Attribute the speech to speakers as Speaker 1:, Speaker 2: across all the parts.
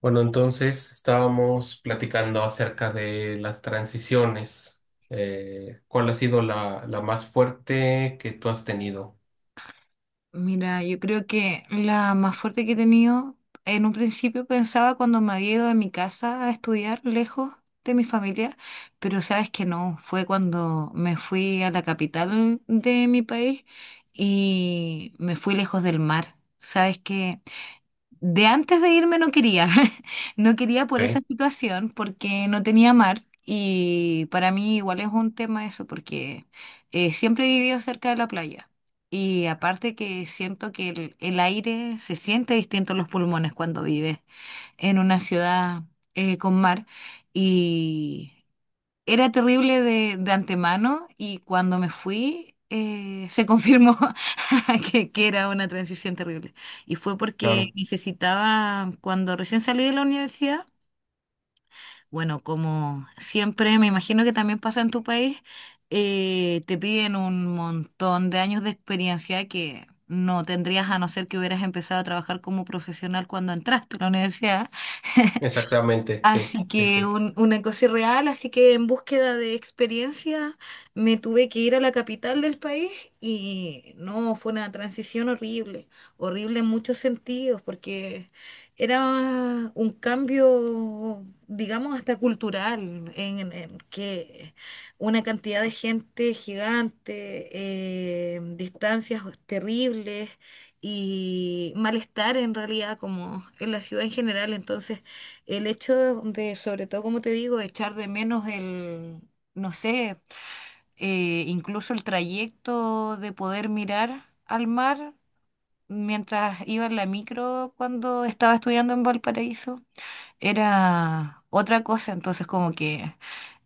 Speaker 1: Bueno, entonces estábamos platicando acerca de las transiciones. ¿Cuál ha sido la más fuerte que tú has tenido?
Speaker 2: Mira, yo creo que la más fuerte que he tenido, en un principio pensaba cuando me había ido de mi casa a estudiar lejos de mi familia, pero sabes que no, fue cuando me fui a la capital de mi país y me fui lejos del mar. Sabes que de antes de irme no quería, no quería por esa
Speaker 1: Ok,
Speaker 2: situación porque no tenía mar y para mí igual es un tema eso porque siempre he vivido cerca de la playa y aparte que siento que el aire se siente distinto en los pulmones cuando vives en una ciudad con mar y era terrible de antemano y cuando me fui se confirmó que era una transición terrible. Y fue porque
Speaker 1: claro.
Speaker 2: necesitaba, cuando recién salí de la universidad, bueno, como siempre, me imagino que también pasa en tu país, te piden un montón de años de experiencia que no tendrías a no ser que hubieras empezado a trabajar como profesional cuando entraste a la universidad.
Speaker 1: Exactamente, sí.
Speaker 2: Así
Speaker 1: Sí,
Speaker 2: que
Speaker 1: sí.
Speaker 2: una cosa irreal, así que en búsqueda de experiencia me tuve que ir a la capital del país y no, fue una transición horrible, horrible en muchos sentidos, porque era un cambio, digamos, hasta cultural, que una cantidad de gente gigante, distancias terribles y malestar en realidad, como en la ciudad en general, entonces… El hecho de, sobre todo, como te digo, echar de menos el, no sé, incluso el trayecto de poder mirar al mar mientras iba en la micro cuando estaba estudiando en Valparaíso, era otra cosa. Entonces, como que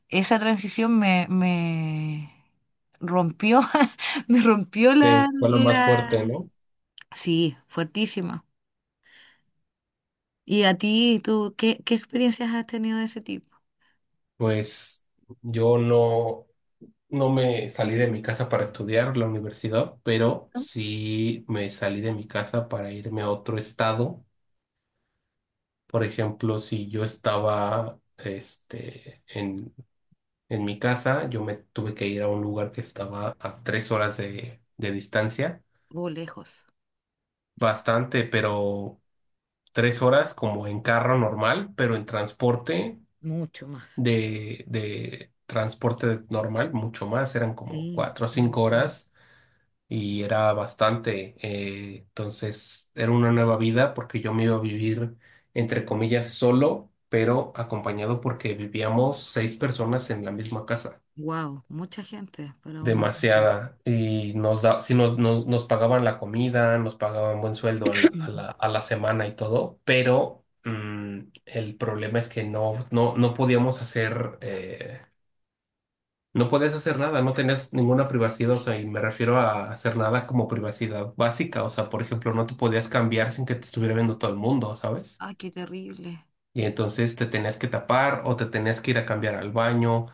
Speaker 2: esa transición me rompió, me rompió la,
Speaker 1: Sí, fue la más fuerte,
Speaker 2: la...
Speaker 1: ¿no?
Speaker 2: Sí, fuertísima. ¿Y a ti, tú, qué experiencias has tenido de ese tipo?
Speaker 1: Pues yo no, no me salí de mi casa para estudiar la universidad, pero
Speaker 2: ¿No?
Speaker 1: sí me salí de mi casa para irme a otro estado. Por ejemplo, si yo estaba este, en mi casa yo me tuve que ir a un lugar que estaba a 3 horas de distancia,
Speaker 2: O lejos.
Speaker 1: bastante, pero 3 horas como en carro normal, pero en transporte
Speaker 2: Mucho más.
Speaker 1: de transporte normal mucho más, eran como
Speaker 2: Sí.
Speaker 1: 4 o 5 horas y era bastante. Entonces era una nueva vida porque yo me iba a vivir entre comillas solo, pero acompañado porque vivíamos 6 personas en la misma casa.
Speaker 2: Wow, mucha gente para una casa.
Speaker 1: Demasiada y nos da, sí nos pagaban la comida, nos pagaban buen sueldo a
Speaker 2: Mm.
Speaker 1: a la semana y todo, pero el problema es que no, no, no podíamos hacer, no podías hacer nada, no tenías ninguna privacidad, o sea, y me refiero a hacer nada como privacidad básica, o sea, por ejemplo, no te podías cambiar sin que te estuviera viendo todo el mundo, ¿sabes?
Speaker 2: Ay, qué terrible.
Speaker 1: Y entonces te tenías que tapar o te tenías que ir a cambiar al baño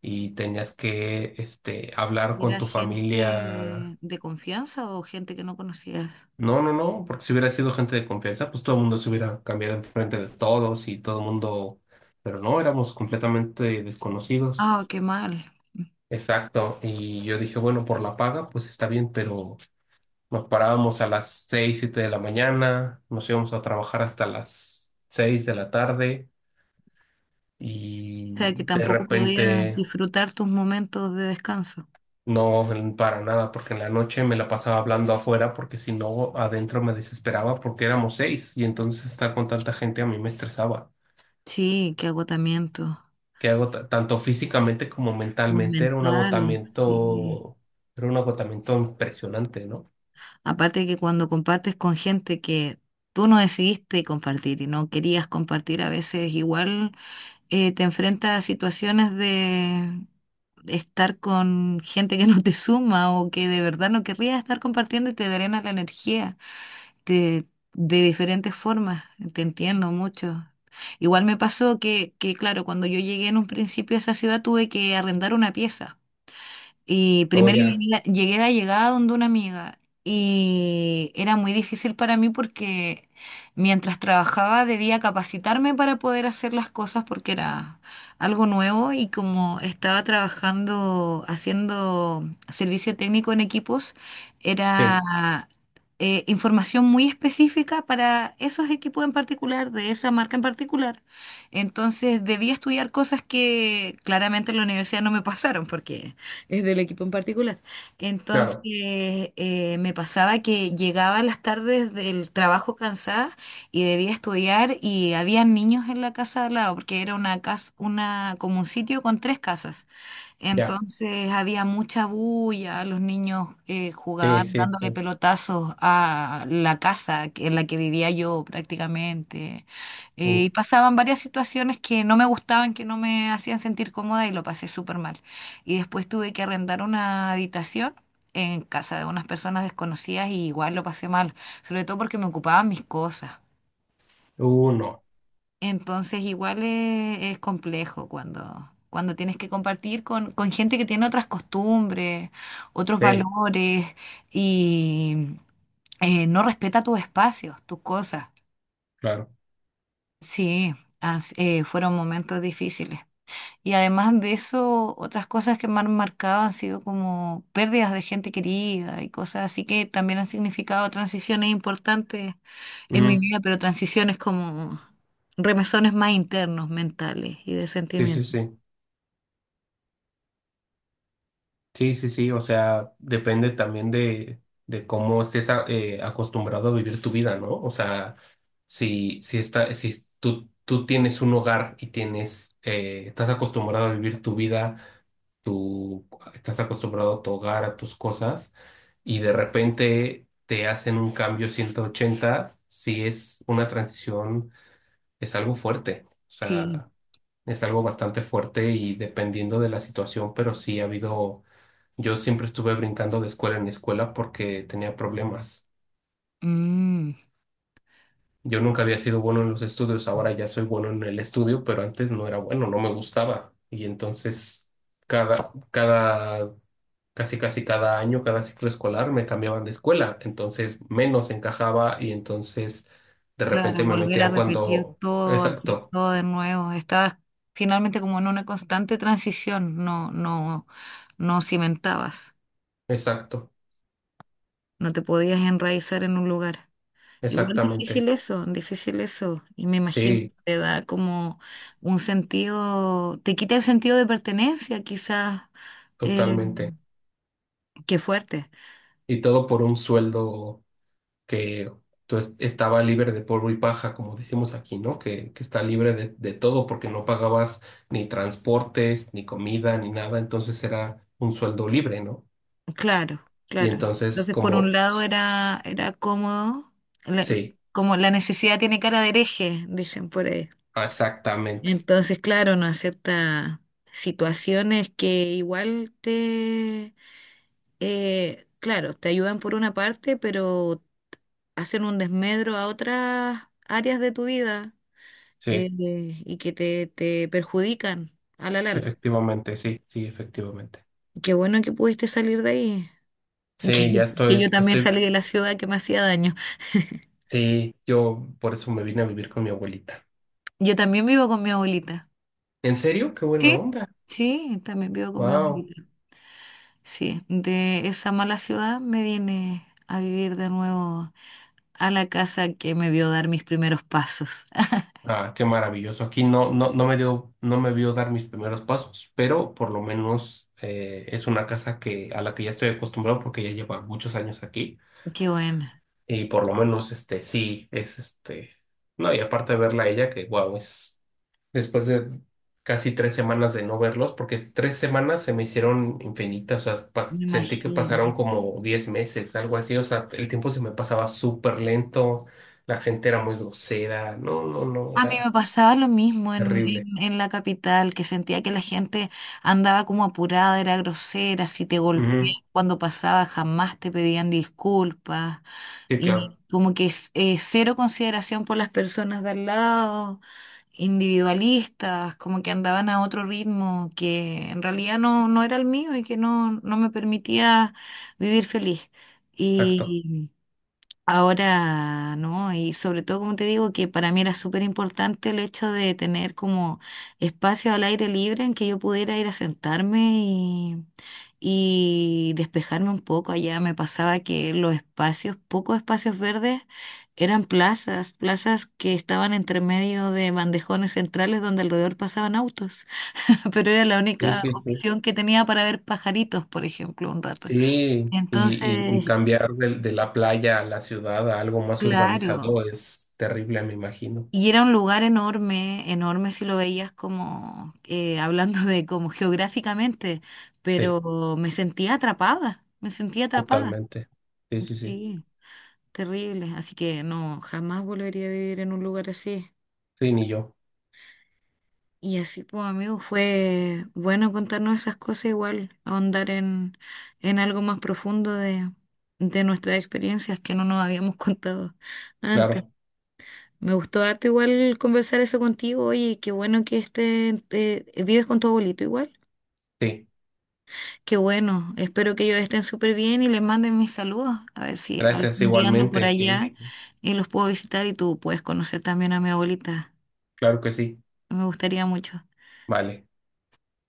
Speaker 1: y tenías que este, hablar
Speaker 2: ¿Y
Speaker 1: con
Speaker 2: ¿Era
Speaker 1: tu
Speaker 2: gente
Speaker 1: familia.
Speaker 2: de confianza o gente que no conocías?
Speaker 1: No, no, no, porque si hubiera sido gente de confianza, pues todo el mundo se hubiera cambiado enfrente de todos y todo el mundo, pero no, éramos completamente desconocidos.
Speaker 2: Ah, qué mal.
Speaker 1: Exacto, y yo dije, bueno, por la paga, pues está bien, pero nos parábamos a las seis, siete de la mañana, nos íbamos a trabajar hasta las seis de la tarde y
Speaker 2: O sea, que
Speaker 1: de
Speaker 2: tampoco podías
Speaker 1: repente
Speaker 2: disfrutar tus momentos de descanso.
Speaker 1: no, para nada, porque en la noche me la pasaba hablando afuera, porque si no, adentro me desesperaba porque éramos seis y entonces estar con tanta gente a mí me estresaba.
Speaker 2: Sí, qué agotamiento
Speaker 1: Que agota, tanto físicamente como mentalmente
Speaker 2: mental, sí.
Speaker 1: era un agotamiento impresionante, ¿no?
Speaker 2: Aparte que cuando compartes con gente que tú no decidiste compartir y no querías compartir, a veces igual te enfrentas a situaciones de estar con gente que no te suma o que de verdad no querrías estar compartiendo y te drena la energía te- de diferentes formas. Te entiendo mucho. Igual me pasó claro, cuando yo llegué en un principio a esa ciudad tuve que arrendar una pieza. Y
Speaker 1: Luego
Speaker 2: primero
Speaker 1: ya,
Speaker 2: llegué, de llegada donde una amiga y era muy difícil para mí porque mientras trabajaba debía capacitarme para poder hacer las cosas porque era algo nuevo y como estaba trabajando haciendo servicio técnico en equipos,
Speaker 1: sí,
Speaker 2: era información muy específica para esos equipos en particular, de esa marca en particular. Entonces debía estudiar cosas que claramente en la universidad no me pasaron porque es del equipo en particular.
Speaker 1: claro,
Speaker 2: Entonces, me pasaba que llegaba a las tardes del trabajo cansada y debía estudiar y había niños en la casa de al lado, porque era una casa, una, como un sitio con tres casas.
Speaker 1: ya,
Speaker 2: Entonces había mucha bulla, los niños
Speaker 1: sí,
Speaker 2: jugaban
Speaker 1: sí,
Speaker 2: dándole
Speaker 1: sí,
Speaker 2: pelotazos a la casa en la que vivía yo prácticamente.
Speaker 1: uh,
Speaker 2: Y pasaban varias situaciones que no me gustaban, que no me hacían sentir cómoda y lo pasé súper mal. Y después tuve que arrendar una habitación en casa de unas personas desconocidas y igual lo pasé mal, sobre todo porque me ocupaban mis cosas.
Speaker 1: no,
Speaker 2: Entonces igual es complejo cuando, cuando tienes que compartir con gente que tiene otras costumbres, otros
Speaker 1: sí,
Speaker 2: valores y no respeta tus espacios, tus cosas.
Speaker 1: claro,
Speaker 2: Sí, fueron momentos difíciles. Y además de eso, otras cosas que me han marcado han sido como pérdidas de gente querida y cosas así que también han significado transiciones importantes en mi
Speaker 1: ujú,
Speaker 2: vida, pero transiciones como remesones más internos, mentales y de
Speaker 1: sí, sí,
Speaker 2: sentimientos.
Speaker 1: sí, sí, sí, sí, o sea, depende también de cómo estés acostumbrado a vivir tu vida, ¿no? O sea, si, si, está, si tú tienes un hogar y tienes, estás acostumbrado a vivir tu vida, tú estás acostumbrado a tu hogar, a tus cosas, y de repente te hacen un cambio 180, sí es una transición, es algo fuerte, o
Speaker 2: Sí.
Speaker 1: sea, es algo bastante fuerte y dependiendo de la situación, pero sí ha habido, yo siempre estuve brincando de escuela en escuela porque tenía problemas.
Speaker 2: Mm,
Speaker 1: Yo nunca había sido bueno en los estudios, ahora ya soy bueno en el estudio, pero antes no era bueno, no me gustaba. Y entonces cada, cada, casi casi cada año, cada ciclo escolar me cambiaban de escuela, entonces menos encajaba y entonces de
Speaker 2: claro,
Speaker 1: repente me
Speaker 2: volver a
Speaker 1: metían
Speaker 2: repetir
Speaker 1: cuando...
Speaker 2: todo, hacer
Speaker 1: Exacto,
Speaker 2: todo de nuevo. Estabas finalmente como en una constante transición, no, no, no cimentabas,
Speaker 1: exacto,
Speaker 2: no te podías enraizar en un lugar. Igual difícil
Speaker 1: exactamente.
Speaker 2: eso, difícil eso. Y me imagino
Speaker 1: Sí,
Speaker 2: que te da como un sentido, te quita el sentido de pertenencia, quizás. Eh,
Speaker 1: totalmente.
Speaker 2: Qué fuerte.
Speaker 1: Y todo por un sueldo. Que entonces estaba libre de polvo y paja, como decimos aquí, ¿no? Que está libre de todo porque no pagabas ni transportes, ni comida, ni nada, entonces era un sueldo libre, ¿no?
Speaker 2: Claro,
Speaker 1: Y
Speaker 2: claro.
Speaker 1: entonces
Speaker 2: Entonces, por un
Speaker 1: como,
Speaker 2: lado era, era cómodo, la-
Speaker 1: sí,
Speaker 2: como la necesidad tiene cara de hereje, dicen por ahí.
Speaker 1: exactamente,
Speaker 2: Entonces, claro, no acepta situaciones que igual te, claro, te ayudan por una parte, pero hacen un desmedro a otras áreas de tu vida eh,
Speaker 1: sí,
Speaker 2: y que te perjudican a la larga.
Speaker 1: sí, efectivamente.
Speaker 2: Qué bueno que pudiste salir de ahí. Que,
Speaker 1: Sí, ya
Speaker 2: que yo
Speaker 1: estoy,
Speaker 2: también
Speaker 1: estoy,
Speaker 2: salí de la ciudad que me hacía daño.
Speaker 1: sí, yo por eso me vine a vivir con mi abuelita.
Speaker 2: Yo también vivo con mi abuelita.
Speaker 1: ¿En serio? Qué buena
Speaker 2: Sí,
Speaker 1: onda.
Speaker 2: sí, también vivo con mi
Speaker 1: Wow.
Speaker 2: abuelita. Sí, de esa mala ciudad me vine a vivir de nuevo a la casa que me vio dar mis primeros pasos.
Speaker 1: Ah, qué maravilloso. Aquí no, no, no me dio, no me vio dar mis primeros pasos, pero por lo menos es una casa a la que ya estoy acostumbrado porque ya lleva muchos años aquí.
Speaker 2: Qué bueno,
Speaker 1: Y por lo menos este sí es este. No, y aparte de verla a ella, que wow, es después de casi tres semanas de no verlos, porque tres semanas se me hicieron infinitas. O sea,
Speaker 2: me
Speaker 1: sentí que
Speaker 2: imagino.
Speaker 1: pasaron como 10 meses, algo así. O sea, el tiempo se me pasaba súper lento, la gente era muy grosera. No, no, no,
Speaker 2: A mí me
Speaker 1: era
Speaker 2: pasaba lo mismo
Speaker 1: terrible.
Speaker 2: en la capital, que sentía que la gente andaba como apurada, era grosera, si te
Speaker 1: Ujú,
Speaker 2: golpeaban cuando pasaba jamás te pedían disculpas
Speaker 1: sí, claro,
Speaker 2: y como que cero consideración por las personas de al lado, individualistas, como que andaban a otro ritmo que en realidad no, no era el mío y que no, no me permitía vivir feliz.
Speaker 1: exacto.
Speaker 2: Ahora, ¿no? Y sobre todo, como te digo, que para mí era súper importante el hecho de tener como espacio al aire libre en que yo pudiera ir a sentarme y despejarme un poco. Allá me pasaba que los espacios, pocos espacios verdes, eran plazas, plazas que estaban entre medio de bandejones centrales donde alrededor pasaban autos, pero era la
Speaker 1: Sí,
Speaker 2: única
Speaker 1: sí, sí.
Speaker 2: opción que tenía para ver pajaritos, por ejemplo, un rato.
Speaker 1: Sí, y
Speaker 2: Entonces,
Speaker 1: cambiar de la playa a la ciudad a algo más
Speaker 2: claro.
Speaker 1: urbanizado es terrible, me imagino.
Speaker 2: Y era un lugar enorme, enorme si lo veías como, hablando de como geográficamente,
Speaker 1: Sí,
Speaker 2: pero me sentía atrapada, me sentía atrapada.
Speaker 1: totalmente. Sí, sí, sí.
Speaker 2: Sí, terrible. Así que no, jamás volvería a vivir en un lugar así.
Speaker 1: Sí, ni yo.
Speaker 2: Y así, pues, amigo, fue bueno contarnos esas cosas, igual, ahondar en algo más profundo de nuestras experiencias que no nos habíamos contado antes.
Speaker 1: Claro,
Speaker 2: Me gustó harto igual conversar eso contigo. Oye, qué bueno que estén, vives con tu abuelito igual.
Speaker 1: sí.
Speaker 2: Qué bueno. Espero que ellos estén súper bien y les manden mis saludos. A ver si
Speaker 1: Gracias
Speaker 2: algún día ando por
Speaker 1: igualmente. Sí,
Speaker 2: allá y los puedo visitar y tú puedes conocer también a mi abuelita.
Speaker 1: claro que sí.
Speaker 2: Me gustaría mucho.
Speaker 1: Vale.